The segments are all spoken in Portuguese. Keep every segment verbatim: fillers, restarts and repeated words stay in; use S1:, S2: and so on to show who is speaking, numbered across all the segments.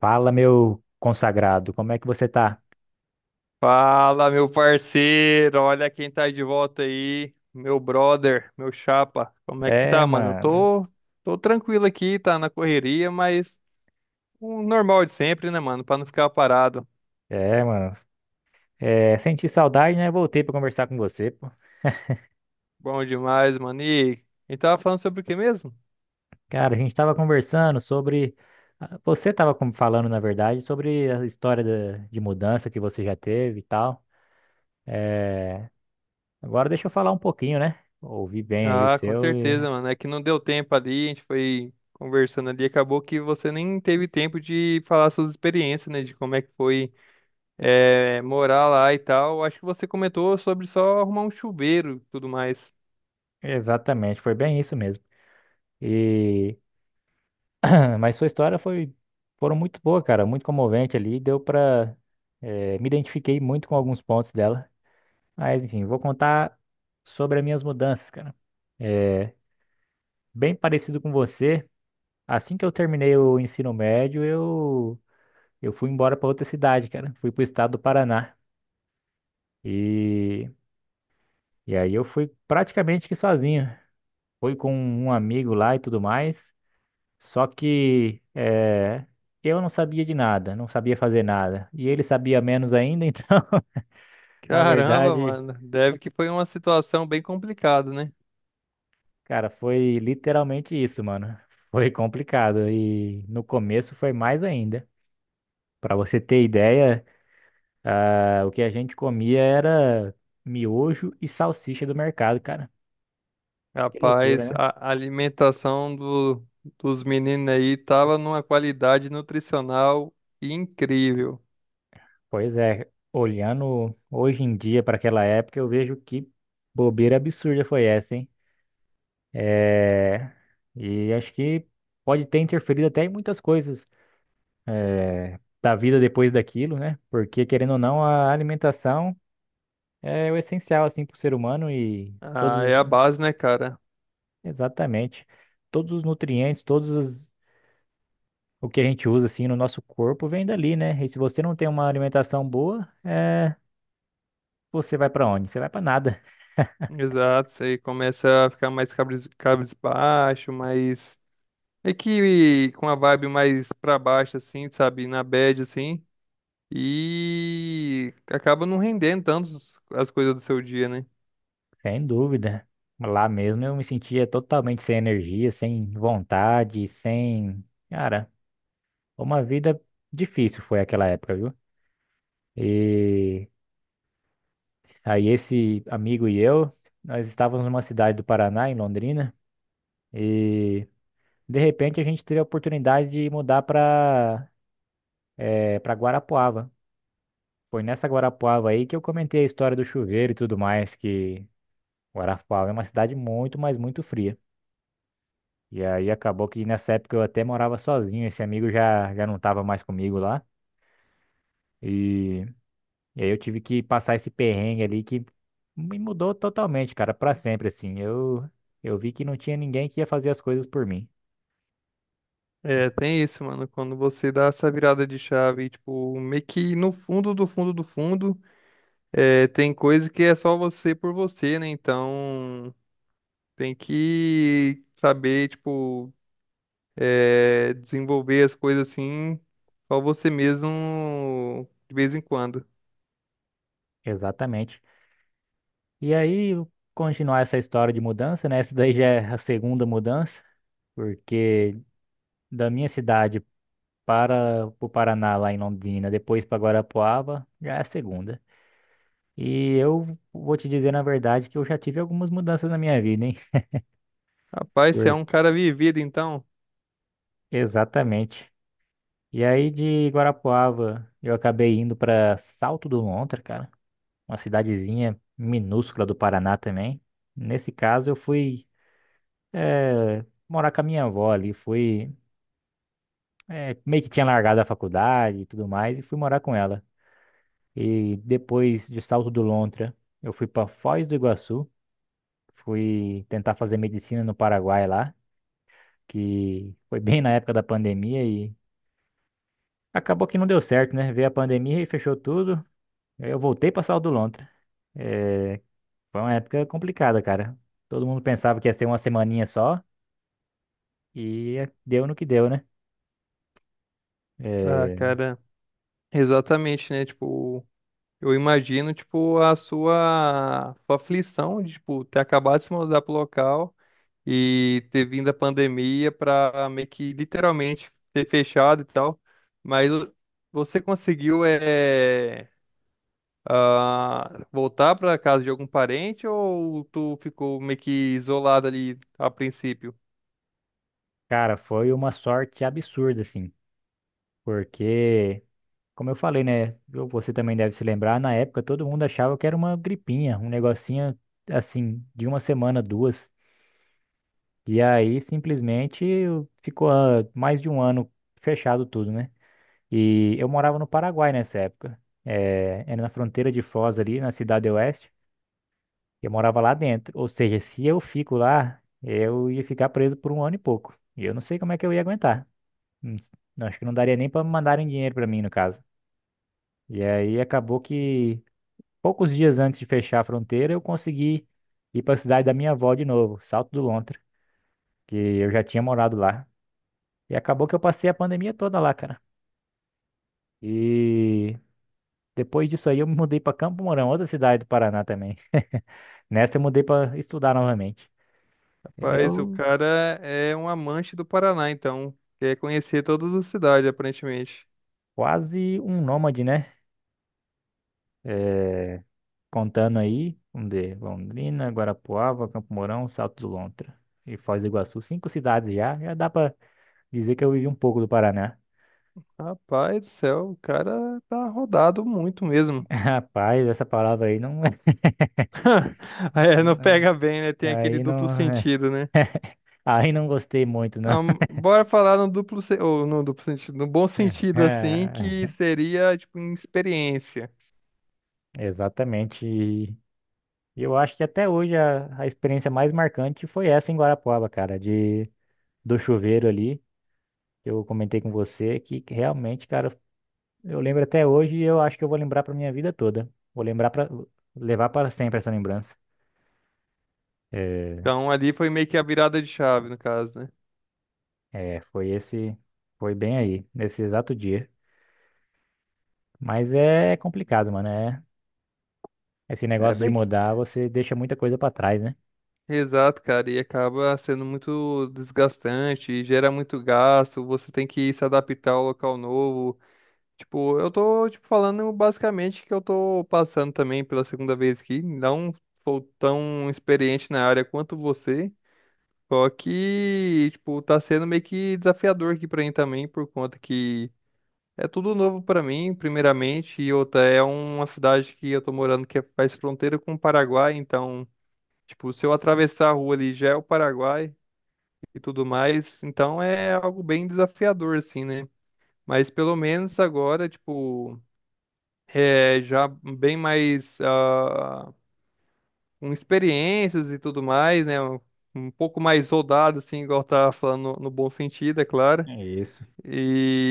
S1: Fala, meu consagrado, como é que você tá?
S2: Fala, meu parceiro, olha quem tá de volta aí, meu brother, meu chapa. Como é que
S1: É,
S2: tá, mano? Eu
S1: mano.
S2: tô, tô tranquilo aqui, tá na correria, mas o normal de sempre, né, mano? Pra não ficar parado.
S1: É, mano. É, senti saudade, né? Voltei pra conversar com você, pô.
S2: Bom demais, mano. E a gente tava falando sobre o que mesmo?
S1: Cara, a gente tava conversando sobre. ah, Você tava com- falando, na verdade, sobre a história da- de mudança que você já teve e tal. É, agora deixa eu falar um pouquinho, né? Ouvi bem aí o
S2: Ah, com
S1: seu e.
S2: certeza, mano. É que não deu tempo ali, a gente foi conversando ali, acabou que você nem teve tempo de falar suas experiências, né? De como é que foi eh, morar lá e tal. Acho que você comentou sobre só arrumar um chuveiro e tudo mais.
S1: Exatamente, foi bem isso mesmo. E Mas sua história foi foram muito boa, cara, muito comovente ali, deu pra eh, me identifiquei muito com alguns pontos dela. Mas enfim, vou contar sobre as minhas mudanças, cara. É, bem parecido com você, assim que eu terminei o ensino médio, eu eu fui embora pra outra cidade, cara. Fui pro estado do Paraná. E e aí eu fui praticamente que sozinho. Fui com um amigo lá e tudo mais. Só que eh, eu não sabia de nada, não sabia fazer nada. E ele sabia menos ainda, então, na
S2: Caramba,
S1: verdade,
S2: mano. Deve que foi uma situação bem complicada, né?
S1: cara, foi literalmente isso, mano. Foi complicado. E no começo foi mais ainda. Pra você ter ideia, ah, o que a gente comia era miojo e salsicha do mercado, cara. Que loucura,
S2: Rapaz,
S1: né?
S2: a alimentação do, dos meninos aí tava numa qualidade nutricional incrível.
S1: Pois é, olhando hoje em dia para aquela época, eu vejo que bobeira absurda foi essa, hein? É, e acho que pode ter interferido até em muitas coisas é, da vida depois daquilo, né? Porque, querendo ou não, a alimentação é o essencial, assim, para o ser humano e todos,
S2: Ah, é a
S1: os,
S2: base, né, cara?
S1: exatamente, todos os nutrientes, todos os, o que a gente usa, assim, no nosso corpo vem dali, né? E se você não tem uma alimentação boa, é, você vai para onde? Você vai para nada,
S2: Exato, você começa a ficar mais cabres, cabisbaixo, mais. É que com a vibe mais pra baixo, assim, sabe? Na bad, assim. E acaba não rendendo tanto as coisas do seu dia, né?
S1: sem dúvida. Lá mesmo eu me sentia totalmente sem energia, sem vontade, sem... Cara... Uma vida difícil foi aquela época, viu? E aí esse amigo e eu, nós estávamos numa cidade do Paraná, em Londrina, e de repente a gente teve a oportunidade de mudar para eh, para Guarapuava. Foi nessa Guarapuava aí que eu comentei a história do chuveiro e tudo mais, que Guarapuava é uma cidade muito, mas muito fria. E aí acabou que nessa época eu até morava sozinho, esse amigo já, já não estava mais comigo lá. E E aí eu tive que passar esse perrengue ali que me mudou totalmente, cara, pra sempre, assim. Eu, eu vi que não tinha ninguém que ia fazer as coisas por mim.
S2: É, tem isso, mano. Quando você dá essa virada de chave, tipo, meio que no fundo do fundo do fundo, é, tem coisa que é só você por você, né? Então, tem que saber, tipo, é, desenvolver as coisas assim, só você mesmo de vez em quando.
S1: Exatamente. E aí, continuar essa história de mudança, né? Essa daí já é a segunda mudança, porque da minha cidade para o Paraná, lá em Londrina, depois para Guarapuava, já é a segunda. E eu vou te dizer, na verdade, que eu já tive algumas mudanças na minha vida, hein?
S2: Rapaz, você é
S1: Por-
S2: um cara vivido, então.
S1: Exatamente. E aí de Guarapuava, eu acabei indo pra Salto do Lontra, cara, uma cidadezinha minúscula do Paraná também. Nesse caso, eu fui eh, morar com a minha avó ali, fui eh, meio que tinha largado a faculdade e tudo mais e fui morar com ela. E depois de Salto do Lontra, eu fui pra Foz do Iguaçu, fui tentar fazer medicina no Paraguai lá, que foi bem na época da pandemia e acabou que não deu certo, né? Veio a pandemia e fechou tudo. Aí eu voltei pra Salto do Lontra. É, foi uma época complicada, cara. Todo mundo pensava que ia ser uma semaninha só e deu no que deu, né?
S2: Ah,
S1: É,
S2: cara, exatamente, né? Tipo, eu imagino, tipo, a sua, sua aflição de, tipo, ter acabado de se mudar pro local e ter vindo a pandemia para meio que literalmente ter fechado e tal. Mas o- Você conseguiu é, ah, voltar para casa de algum parente ou tu ficou meio que isolado ali a princípio?
S1: cara, foi uma sorte absurda, assim, porque, como eu falei, né? eu- Você também deve se lembrar, na época todo mundo achava que era uma gripinha, um negocinho assim, de uma semana, duas. E aí simplesmente ficou ah, mais de um ano fechado tudo, né? E eu morava no Paraguai nessa época. É, era na fronteira de Foz ali, na Cidade Oeste. Eu morava lá dentro. Ou seja, se eu fico lá, eu ia ficar preso por um ano e pouco. E eu não sei como é que eu ia aguentar. Hum, não, acho que não daria nem para mandarem dinheiro para mim, no caso. E aí acabou que poucos dias antes de fechar a fronteira, eu consegui ir para a cidade da minha avó de novo, Salto do Lontra, que eu já tinha morado lá. E acabou que eu passei a pandemia toda lá, cara. E depois disso aí eu me mudei para Campo Mourão, outra cidade do Paraná também. Nessa eu mudei para estudar novamente.
S2: Rapaz, o
S1: Eu
S2: cara é um amante do Paraná, então quer conhecer todas as cidades, aparentemente.
S1: Quase um nômade, né? É, contando aí, um de Londrina, Guarapuava, Campo Mourão, Salto do Lontra e Foz do Iguaçu. Cinco cidades já, já dá pra dizer que eu vivi um pouco do Paraná.
S2: Rapaz do céu, o cara tá rodado muito mesmo.
S1: Rapaz, essa palavra aí não...
S2: É, não pega bem, né? Tem aquele
S1: Aí não...
S2: duplo sentido, né?
S1: Aí não gostei muito, não.
S2: Ahn, bora falar no duplo, se- ou no duplo sentido, no bom sentido, assim, que seria, tipo, em experiência.
S1: Exatamente. E eu acho que até hoje a, a experiência mais marcante foi essa em Guarapuava, cara, de do chuveiro ali. Eu comentei com você que realmente, cara, eu lembro até hoje e eu acho que eu vou lembrar pra minha vida toda. Vou lembrar para levar para sempre essa lembrança. É,
S2: Então, ali foi meio que a virada de chave, no caso, né?
S1: é, foi esse, foi bem aí, nesse exato dia. Mas é complicado, mano. É, esse
S2: É
S1: negócio de
S2: bem que...
S1: mudar, você deixa muita coisa pra trás, né?
S2: Exato, cara, e acaba sendo muito desgastante, gera muito gasto, você tem que se adaptar ao local novo. Tipo, eu tô, tipo, falando basicamente que eu tô passando também pela segunda vez aqui, não sou tão experiente na área quanto você. Só que, tipo, tá sendo meio que desafiador aqui pra mim também, por conta que é tudo novo pra mim, primeiramente, e outra, é uma cidade que eu tô morando que é, faz fronteira com o Paraguai, então, tipo, se eu atravessar a rua ali já é o Paraguai e tudo mais, então é algo bem desafiador, assim, né? Mas pelo menos agora, tipo, é já bem mais ah, com experiências e tudo mais, né? Um pouco mais rodado, assim, igual tá falando no no bom sentido, é claro.
S1: É isso.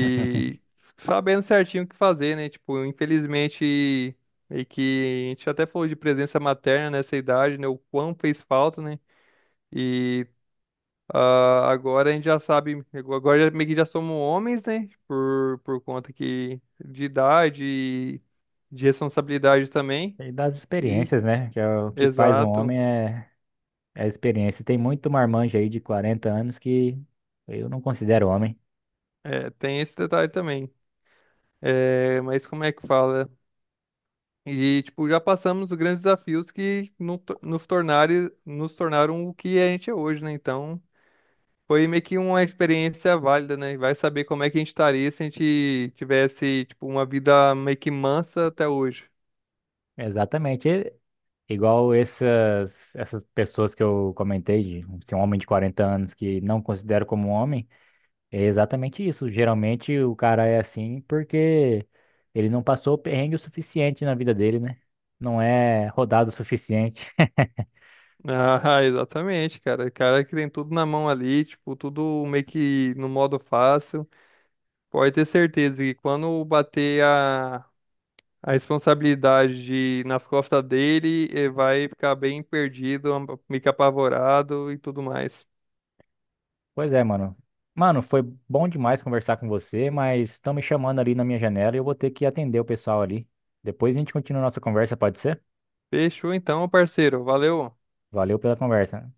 S2: sabendo certinho o que fazer, né? Tipo, infelizmente, meio que a gente até falou de presença materna nessa idade, né? O quão fez falta, né? E ah, agora a gente já sabe, agora já- meio que já somos homens, né? Por, por conta que de idade e de responsabilidade também.
S1: E das
S2: E,
S1: experiências, né? Que é o que faz um
S2: exato,
S1: homem é, é a experiência. Tem muito marmanjo aí de quarenta anos que eu não considero homem.
S2: é, tem esse detalhe também. É, mas como é que fala? E, tipo, já passamos os grandes desafios que no- nos tornaram, nos tornaram o que a gente é hoje, né? Então, foi meio que uma experiência válida, né? E vai saber como é que a gente estaria se a gente tivesse, tipo, uma vida meio que mansa até hoje.
S1: Exatamente. Igual essas, essas pessoas que eu comentei, de ser um homem de quarenta anos que não considero como homem, é exatamente isso. Geralmente o cara é assim porque ele não passou perrengue o suficiente na vida dele, né? Não é rodado o suficiente.
S2: Ah, exatamente, cara. Cara que tem tudo na mão ali, tipo, tudo meio que no modo fácil. Pode ter certeza que quando bater a A responsabilidade na costa dele eh, vai ficar bem perdido, am- meio que apavorado e tudo mais.
S1: Pois é, mano. Mano, foi bom demais conversar com você, mas estão me chamando ali na minha janela e eu vou ter que atender o pessoal ali. Depois a gente continua a nossa conversa, pode ser?
S2: Fechou então, parceiro. Valeu.
S1: Valeu pela conversa.